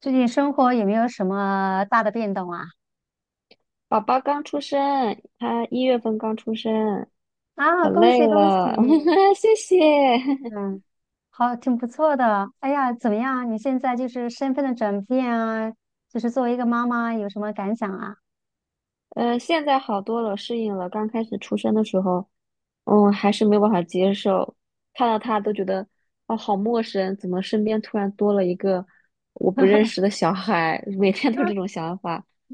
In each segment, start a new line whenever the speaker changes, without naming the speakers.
最近生活有没有什么大的变动啊？
宝宝刚出生，他一月份刚出生，
啊，
可
恭喜
累
恭喜！
了，谢谢。
嗯，好，挺不错的。哎呀，怎么样？你现在就是身份的转变啊，就是作为一个妈妈，有什么感想啊？
现在好多了，适应了。刚开始出生的时候，还是没有办法接受，看到他都觉得哦，好陌生，怎么身边突然多了一个我不认识 的小孩？每天都有这种想法，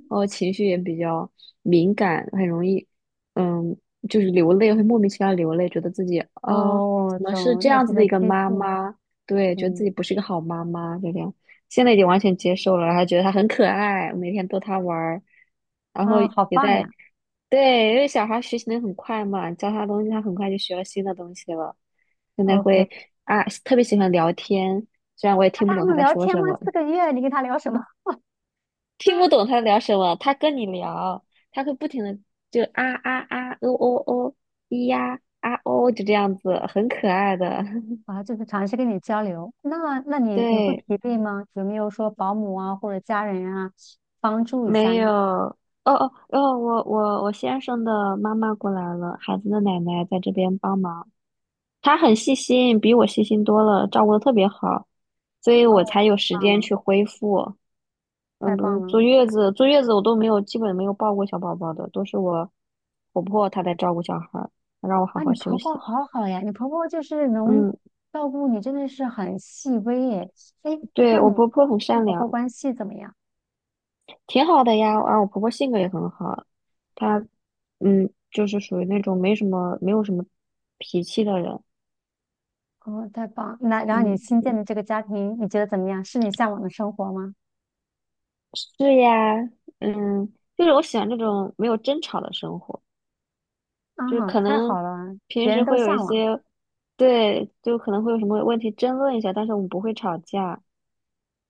然后情绪也比较敏感，很容易，嗯，就是流泪，会莫名其妙流泪，觉得自己啊，
哦，
怎么是
懂，
这
那
样
就
子
是
的一个
激
妈
素。
妈？对，觉得自
嗯，
己不是一个好妈妈，就这样。现在已经完全接受了，还觉得它很可爱，我每天逗它玩儿，然后
啊，好
也
棒
在，
呀。
对，因为小孩儿学习能很快嘛，教他东西，他很快就学了新的东西了。现在
OK，
会啊，特别喜欢聊天，虽然我也
那
听不
他还
懂他
能
在
聊
说
天吗？
什么，
四个月，你跟他聊什么？
听不懂他在聊什么，他跟你聊，他会不停的就啊啊啊，哦哦哦，咿呀啊哦，就这样子，很可爱的，
啊，就是尝试跟你交流。那，那 你你会
对。
疲惫吗？有没有说保姆啊或者家人啊帮助一下
没有，
你？
哦哦哦，我先生的妈妈过来了，孩子的奶奶在这边帮忙，她很细心，比我细心多了，照顾的特别好，所以我
哦，
才
太
有时间
棒了，
去恢复。
太
嗯，不
棒
是
了。
坐月子，坐月子我都没有，基本没有抱过小宝宝的，都是我婆婆她在照顾小孩儿，她让我好
啊，你
好休
婆婆
息。
好好呀，你婆婆就是能
嗯，
照顾你，真的是很细微耶。哎，
对，
那你
我婆婆很
跟
善
婆婆
良，
关系怎么样？
挺好的呀，而我婆婆性格也很好，她就是属于那种没有什么脾气的人。
哦，太棒！那然后你
嗯，
新建的这个家庭，你觉得怎么样？是你向往的生活吗？
是呀，嗯，就是我喜欢这种没有争吵的生活，就是
啊，
可
太
能
好了，
平
别人
时
都
会有一
向往，
些，对，就可能会有什么问题争论一下，但是我们不会吵架，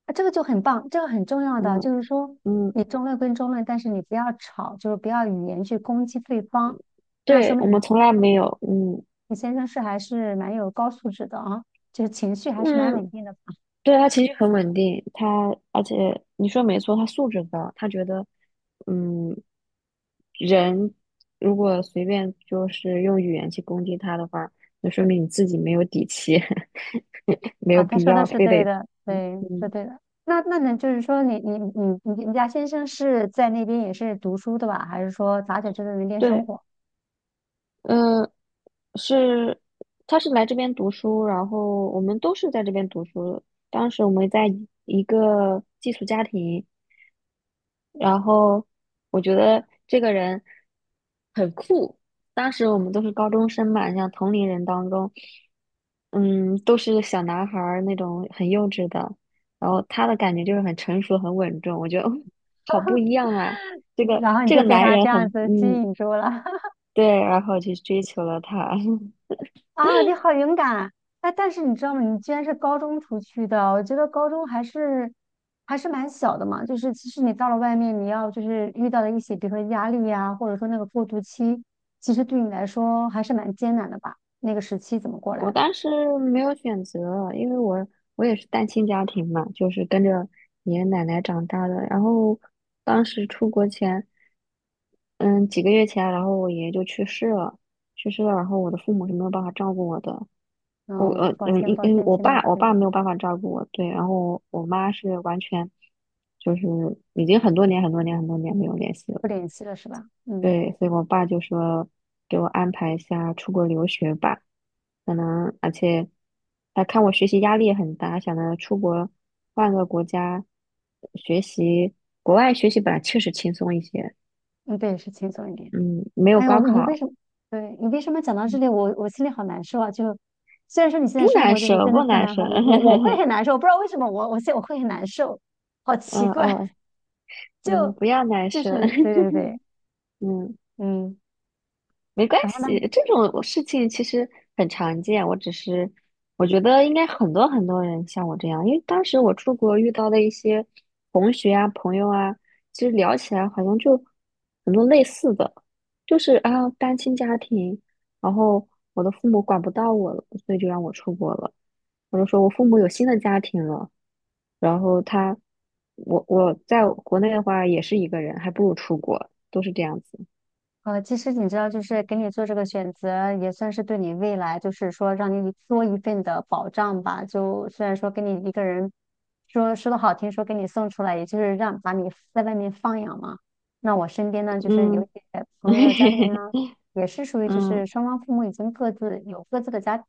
啊，这个就很棒，这个很重要的
嗯
就是说，
嗯，
你争论跟争论，但是你不要吵，就是不要语言去攻击对方。那说
对，
明
我
你
们
先
从来没有，嗯
你先生是还是蛮有高素质的啊，就是情绪还是蛮
嗯，
稳定的。
对，他情绪很稳定，而且你说没错，他素质高，他觉得，嗯，人如果随便就是用语言去攻击他的话，那说明你自己没有底气，没
啊，
有
他
必
说的
要
是
非得，
对的，
嗯，
对，是
嗯
对的。那那呢，就是说你家先生是在那边也是读书的吧？还是说咋在这边那边生
对，
活？
呃，是，他是来这边读书，然后我们都是在这边读书的，当时我们在一个寄宿家庭。然后我觉得这个人很酷。当时我们都是高中生嘛，像同龄人当中，嗯，都是小男孩儿那种很幼稚的。然后他的感觉就是很成熟、很稳重，我觉得 哦好不一样啊！这 个
然后你
这
就
个
被
男
他
人
这样
很，
子吸引住了。
对，然后去追求了他。
啊！你好勇敢啊！哎但是你知道吗？你居然是高中出去的，我觉得高中还是蛮小的嘛。就是其实你到了外面，你要就是遇到的一些，比如说压力呀、或者说那个过渡期，其实对你来说还是蛮艰难的吧？那个时期怎么过
我
来的？
当时没有选择，因为我也是单亲家庭嘛，就是跟着爷爷奶奶长大的。然后当时出国前。嗯，几个月前，然后我爷爷就去世了，去世了，然后我的父母是没有办法照顾我的，我
嗯，
呃
抱
嗯
歉，
因
抱
因为
歉，
我
听到
爸我
这里。
爸没有办法照顾我，对，然后我妈是完全就是已经很多年很多年很多年没有联系了，
不联系了是吧？嗯。
对，所以我爸就说给我安排一下出国留学吧，可能而且他看我学习压力也很大，想着出国换个国家学习，国外学习本来确实轻松一些，
嗯，对，是轻松一点。
嗯，没有
哎
高
呦，你为
考。
什么？对你为什么讲到这里，我心里好难受啊！就虽然说你现
不
在生
难
活就是
受，
真的
不
是
难
蛮
受。
好，我会 很难受，我不知道为什么我会很难受，好奇
嗯
怪，
哦，嗯，
就
不要难
就
受。
是对 对对，
嗯，
嗯。
没关
然后
系，
呢？
这种事情其实很常见。我只是，我觉得应该很多很多人像我这样，因为当时我出国遇到的一些同学啊、朋友啊，其实聊起来好像就很多类似的，就是啊，单亲家庭，然后我的父母管不到我了，所以就让我出国了。我就说我父母有新的家庭了，然后他，我在国内的话也是一个人，还不如出国，都是这样子。
呃，其实你知道，就是给你做这个选择，也算是对你未来，就是说让你多一份的保障吧。就虽然说给你一个人说说的好听，说给你送出来，也就是让把你在外面放养嘛。那我身边呢，就是有一
嗯
些朋友的家庭啊，也是属于就
嗯
是双方父母已经各自有各自的家庭，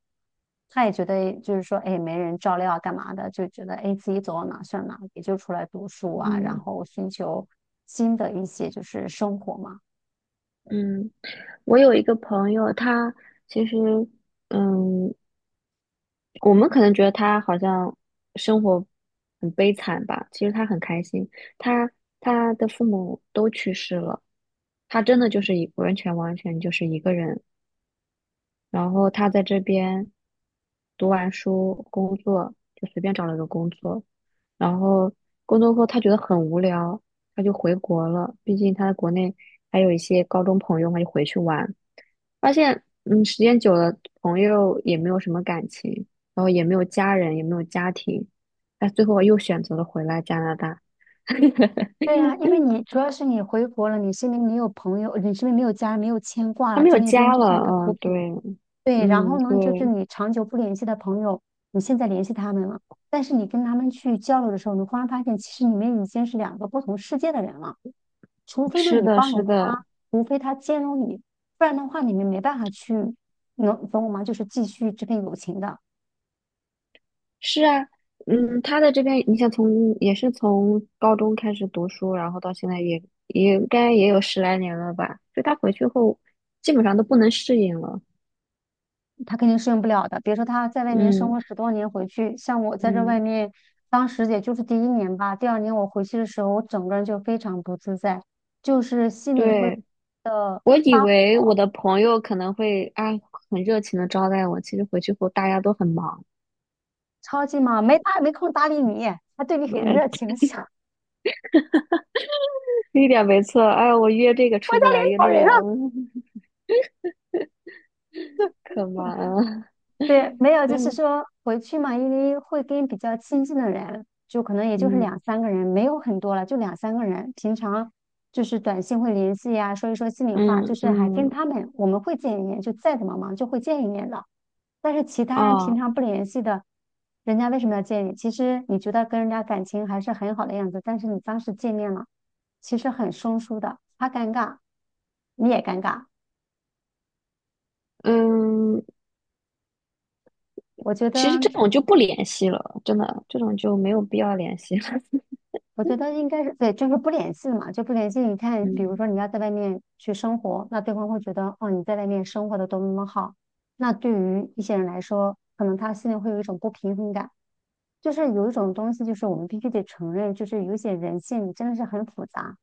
他也觉得就是说，哎，没人照料啊，干嘛的，就觉得哎自己走到哪算哪，也就出来读书啊，然
嗯
后寻求新的一些就是生活嘛。
嗯，我有一个朋友，他其实嗯，我们可能觉得他好像生活很悲惨吧，其实他很开心。他他的父母都去世了，他真的就是一完全完全就是一个人。然后他在这边读完书工作，就随便找了个工作，然后工作后他觉得很无聊，他就回国了。毕竟他在国内还有一些高中朋友嘛，就回去玩，发现时间久了，朋友也没有什么感情，然后也没有家人，也没有家庭，他最后又选择了回来加拿大。
对呀，因为你主要是你回国了，你身边没有朋友，你身边没有家人，没有牵挂
他
了，
没
在
有
那边
家
就像
了，
一个浮
嗯，对，
萍。对，然
嗯，
后呢，就是
对，
你长久不联系的朋友，你现在联系他们了，但是你跟他们去交流的时候，你忽然发现，其实你们已经是两个不同世界的人了。除非呢，
是
你
的，
包
是
容
的，
他，除非他兼容你，不然的话，你们没办法去，能懂我吗？就是继续这份友情的。
是啊，嗯，他在这边，你像也是从高中开始读书，然后到现在也应该也有十来年了吧？就他回去后，基本上都不能适应了。
他肯定适应不了的。比如说他在外面生
嗯
活十多年回去，像我在这外
嗯，
面，当时也就是第一年吧，第二年我回去的时候，我整个人就非常不自在，就是心里会
对，
的
我以
发
为我的朋友可能会啊很热情的招待我，其实回去后大家都很忙，
超级忙，没空搭理你，还对你很热
哎，
情，想
一点没错。哎，我约这个
我
出
家
不
领
来，约
导
那
人
个，
啊。
嗯，可忙了。
对，没有，就是
嗯
说回去嘛，因为会跟比较亲近的人，就可能也就是
嗯
两三个人，没有很多了，就两三个人。平常就是短信会联系呀、说一说心里话，
嗯
就是还跟
嗯，
他们我们会见一面，就再怎么忙就会见一面的。但是其他人平
哦，
常不联系的，人家为什么要见你？其实你觉得跟人家感情还是很好的样子，但是你当时见面了，其实很生疏的，他尴尬，你也尴尬。
嗯。
我觉得。
其实这种就不联系了，真的，这种就没有必要联系了。
我觉得应该是对，就是不联系了嘛，就不联系。你看，比如
嗯
说你要在外面去生活，那对方会觉得哦你在外面生活的多么多么好。那对于一些人来说，可能他心里会有一种不平衡感，就是有一种东西，就是我们必须得承认，就是有一些人性真的是很复杂。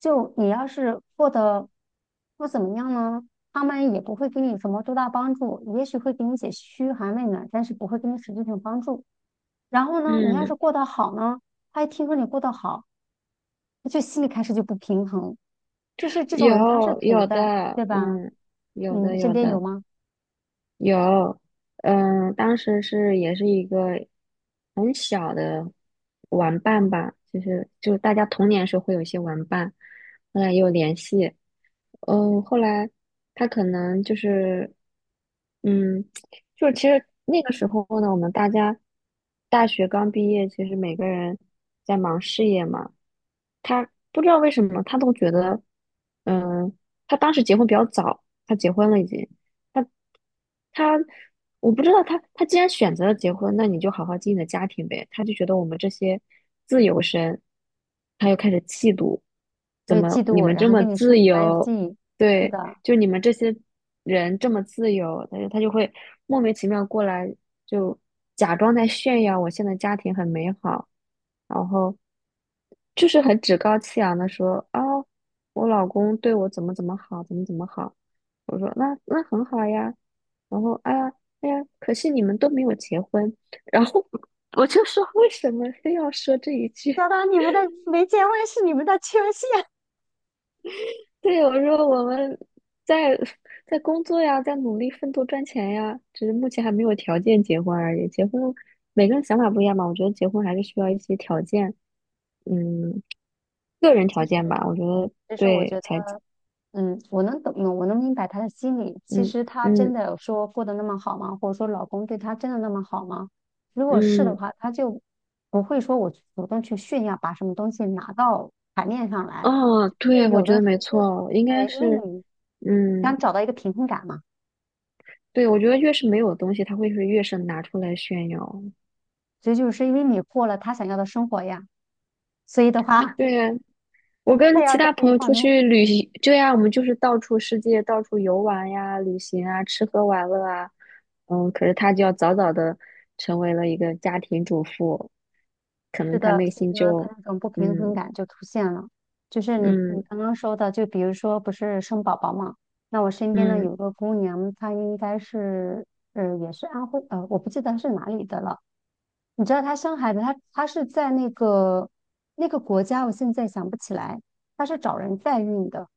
就你要是过得不怎么样呢，他们也不会给你什么多大帮助，也许会给你一些嘘寒问暖，但是不会给你实质性帮助。然后呢，你要是
嗯，
过得好呢？他一听说你过得好，他就心里开始就不平衡，就是这种人他是
有
存
有的，
在，对吧？
嗯，有
嗯，
的
身
有
边有
的
吗？
有，嗯，当时也是一个很小的玩伴吧，就是大家童年时候会有一些玩伴，后来也有联系，后来他可能就是，嗯，就是其实那个时候呢，我们大家大学刚毕业，其实每个人在忙事业嘛。他不知道为什么，他都觉得，嗯，他当时结婚比较早，他结婚了已经，他他，我不知道他既然选择了结婚，那你就好好经营你的家庭呗。他就觉得我们这些自由身，他又开始嫉妒，
他
怎
就嫉
么
妒
你
我，
们
然
这
后
么
跟你疏离
自
关
由？
系。是
对，
的，
就你们这些人这么自由，他就会莫名其妙过来，就假装在炫耀我现在家庭很美好，然后就是很趾高气扬的说啊、我老公对我怎么怎么好，怎么怎么好。我说那很好呀，然后哎呀哎呀，可惜你们都没有结婚，然后 我就说为什么非要说这一句？
小到你们的没结婚是你们的缺陷。
对，我说我们在在工作呀，在努力奋斗赚钱呀，只是目前还没有条件结婚而已。结婚每个人想法不一样嘛，我觉得结婚还是需要一些条件，嗯，个人
其
条
实
件吧，我觉得
其实我
对
觉得，
才，
嗯，我能懂，我能明白他的心理。其
嗯
实他真
嗯
的有说过得那么好吗？或者说老公对他真的那么好吗？如果是的
嗯，
话，他就不会说我主动去炫耀，把什么东西拿到台面上来。
哦，
是
对，我
有
觉
的
得
时
没
候，
错，应该
对，因为
是，
你
嗯，
想找到一个平衡感嘛，
对，我觉得越是没有东西，他会是越是拿出来炫耀。
所以就是因为你过了他想要的生活呀，所以的话
对，我
他
跟
要
其他
在这
朋
一
友
方
出
面，
去旅行，对呀，我们就是到处世界到处游玩呀、旅行啊、吃喝玩乐啊。嗯，可是他就要早早的成为了一个家庭主妇，可
是
能他
的，
内
所
心
以呢，他
就，
那种不平衡
嗯
感就出现了。就是你
嗯
刚刚说的，就比如说不是生宝宝嘛，那我身边呢
嗯，
有个姑娘，她应该是呃也是安徽呃，我不记得是哪里的了。你知道他生孩子，他是在那个那个国家，我现在想不起来，他是找人代孕的，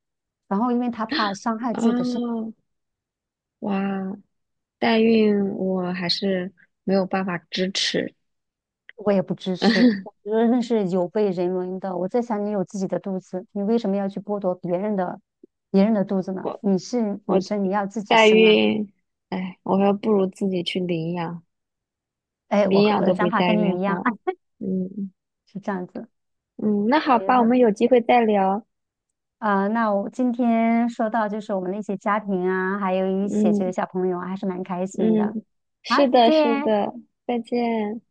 然后因为他怕伤害自己的身体，
啊哇，代孕我还是没有办法支持
我也不支持，我觉得那是有悖人伦的。我在想，你有自己的肚子，你为什么要去剥夺别人的肚子呢？
我，
你是女
我
生，你要自己
代
生啊。
孕，哎，我还不如自己去领养，
哎，我
领
和
养
我的
都
想
比
法
代
跟
孕
你一样
好，
啊，
嗯。
是这样子。
嗯，那
等
好
于
吧，我
是
们有机会再聊。
啊，那我今天说到就是我们那些家庭啊，还有一些这个
嗯
小朋友啊，还是蛮开心的。
嗯，
好，
是
再
的，是
见。
的，再见。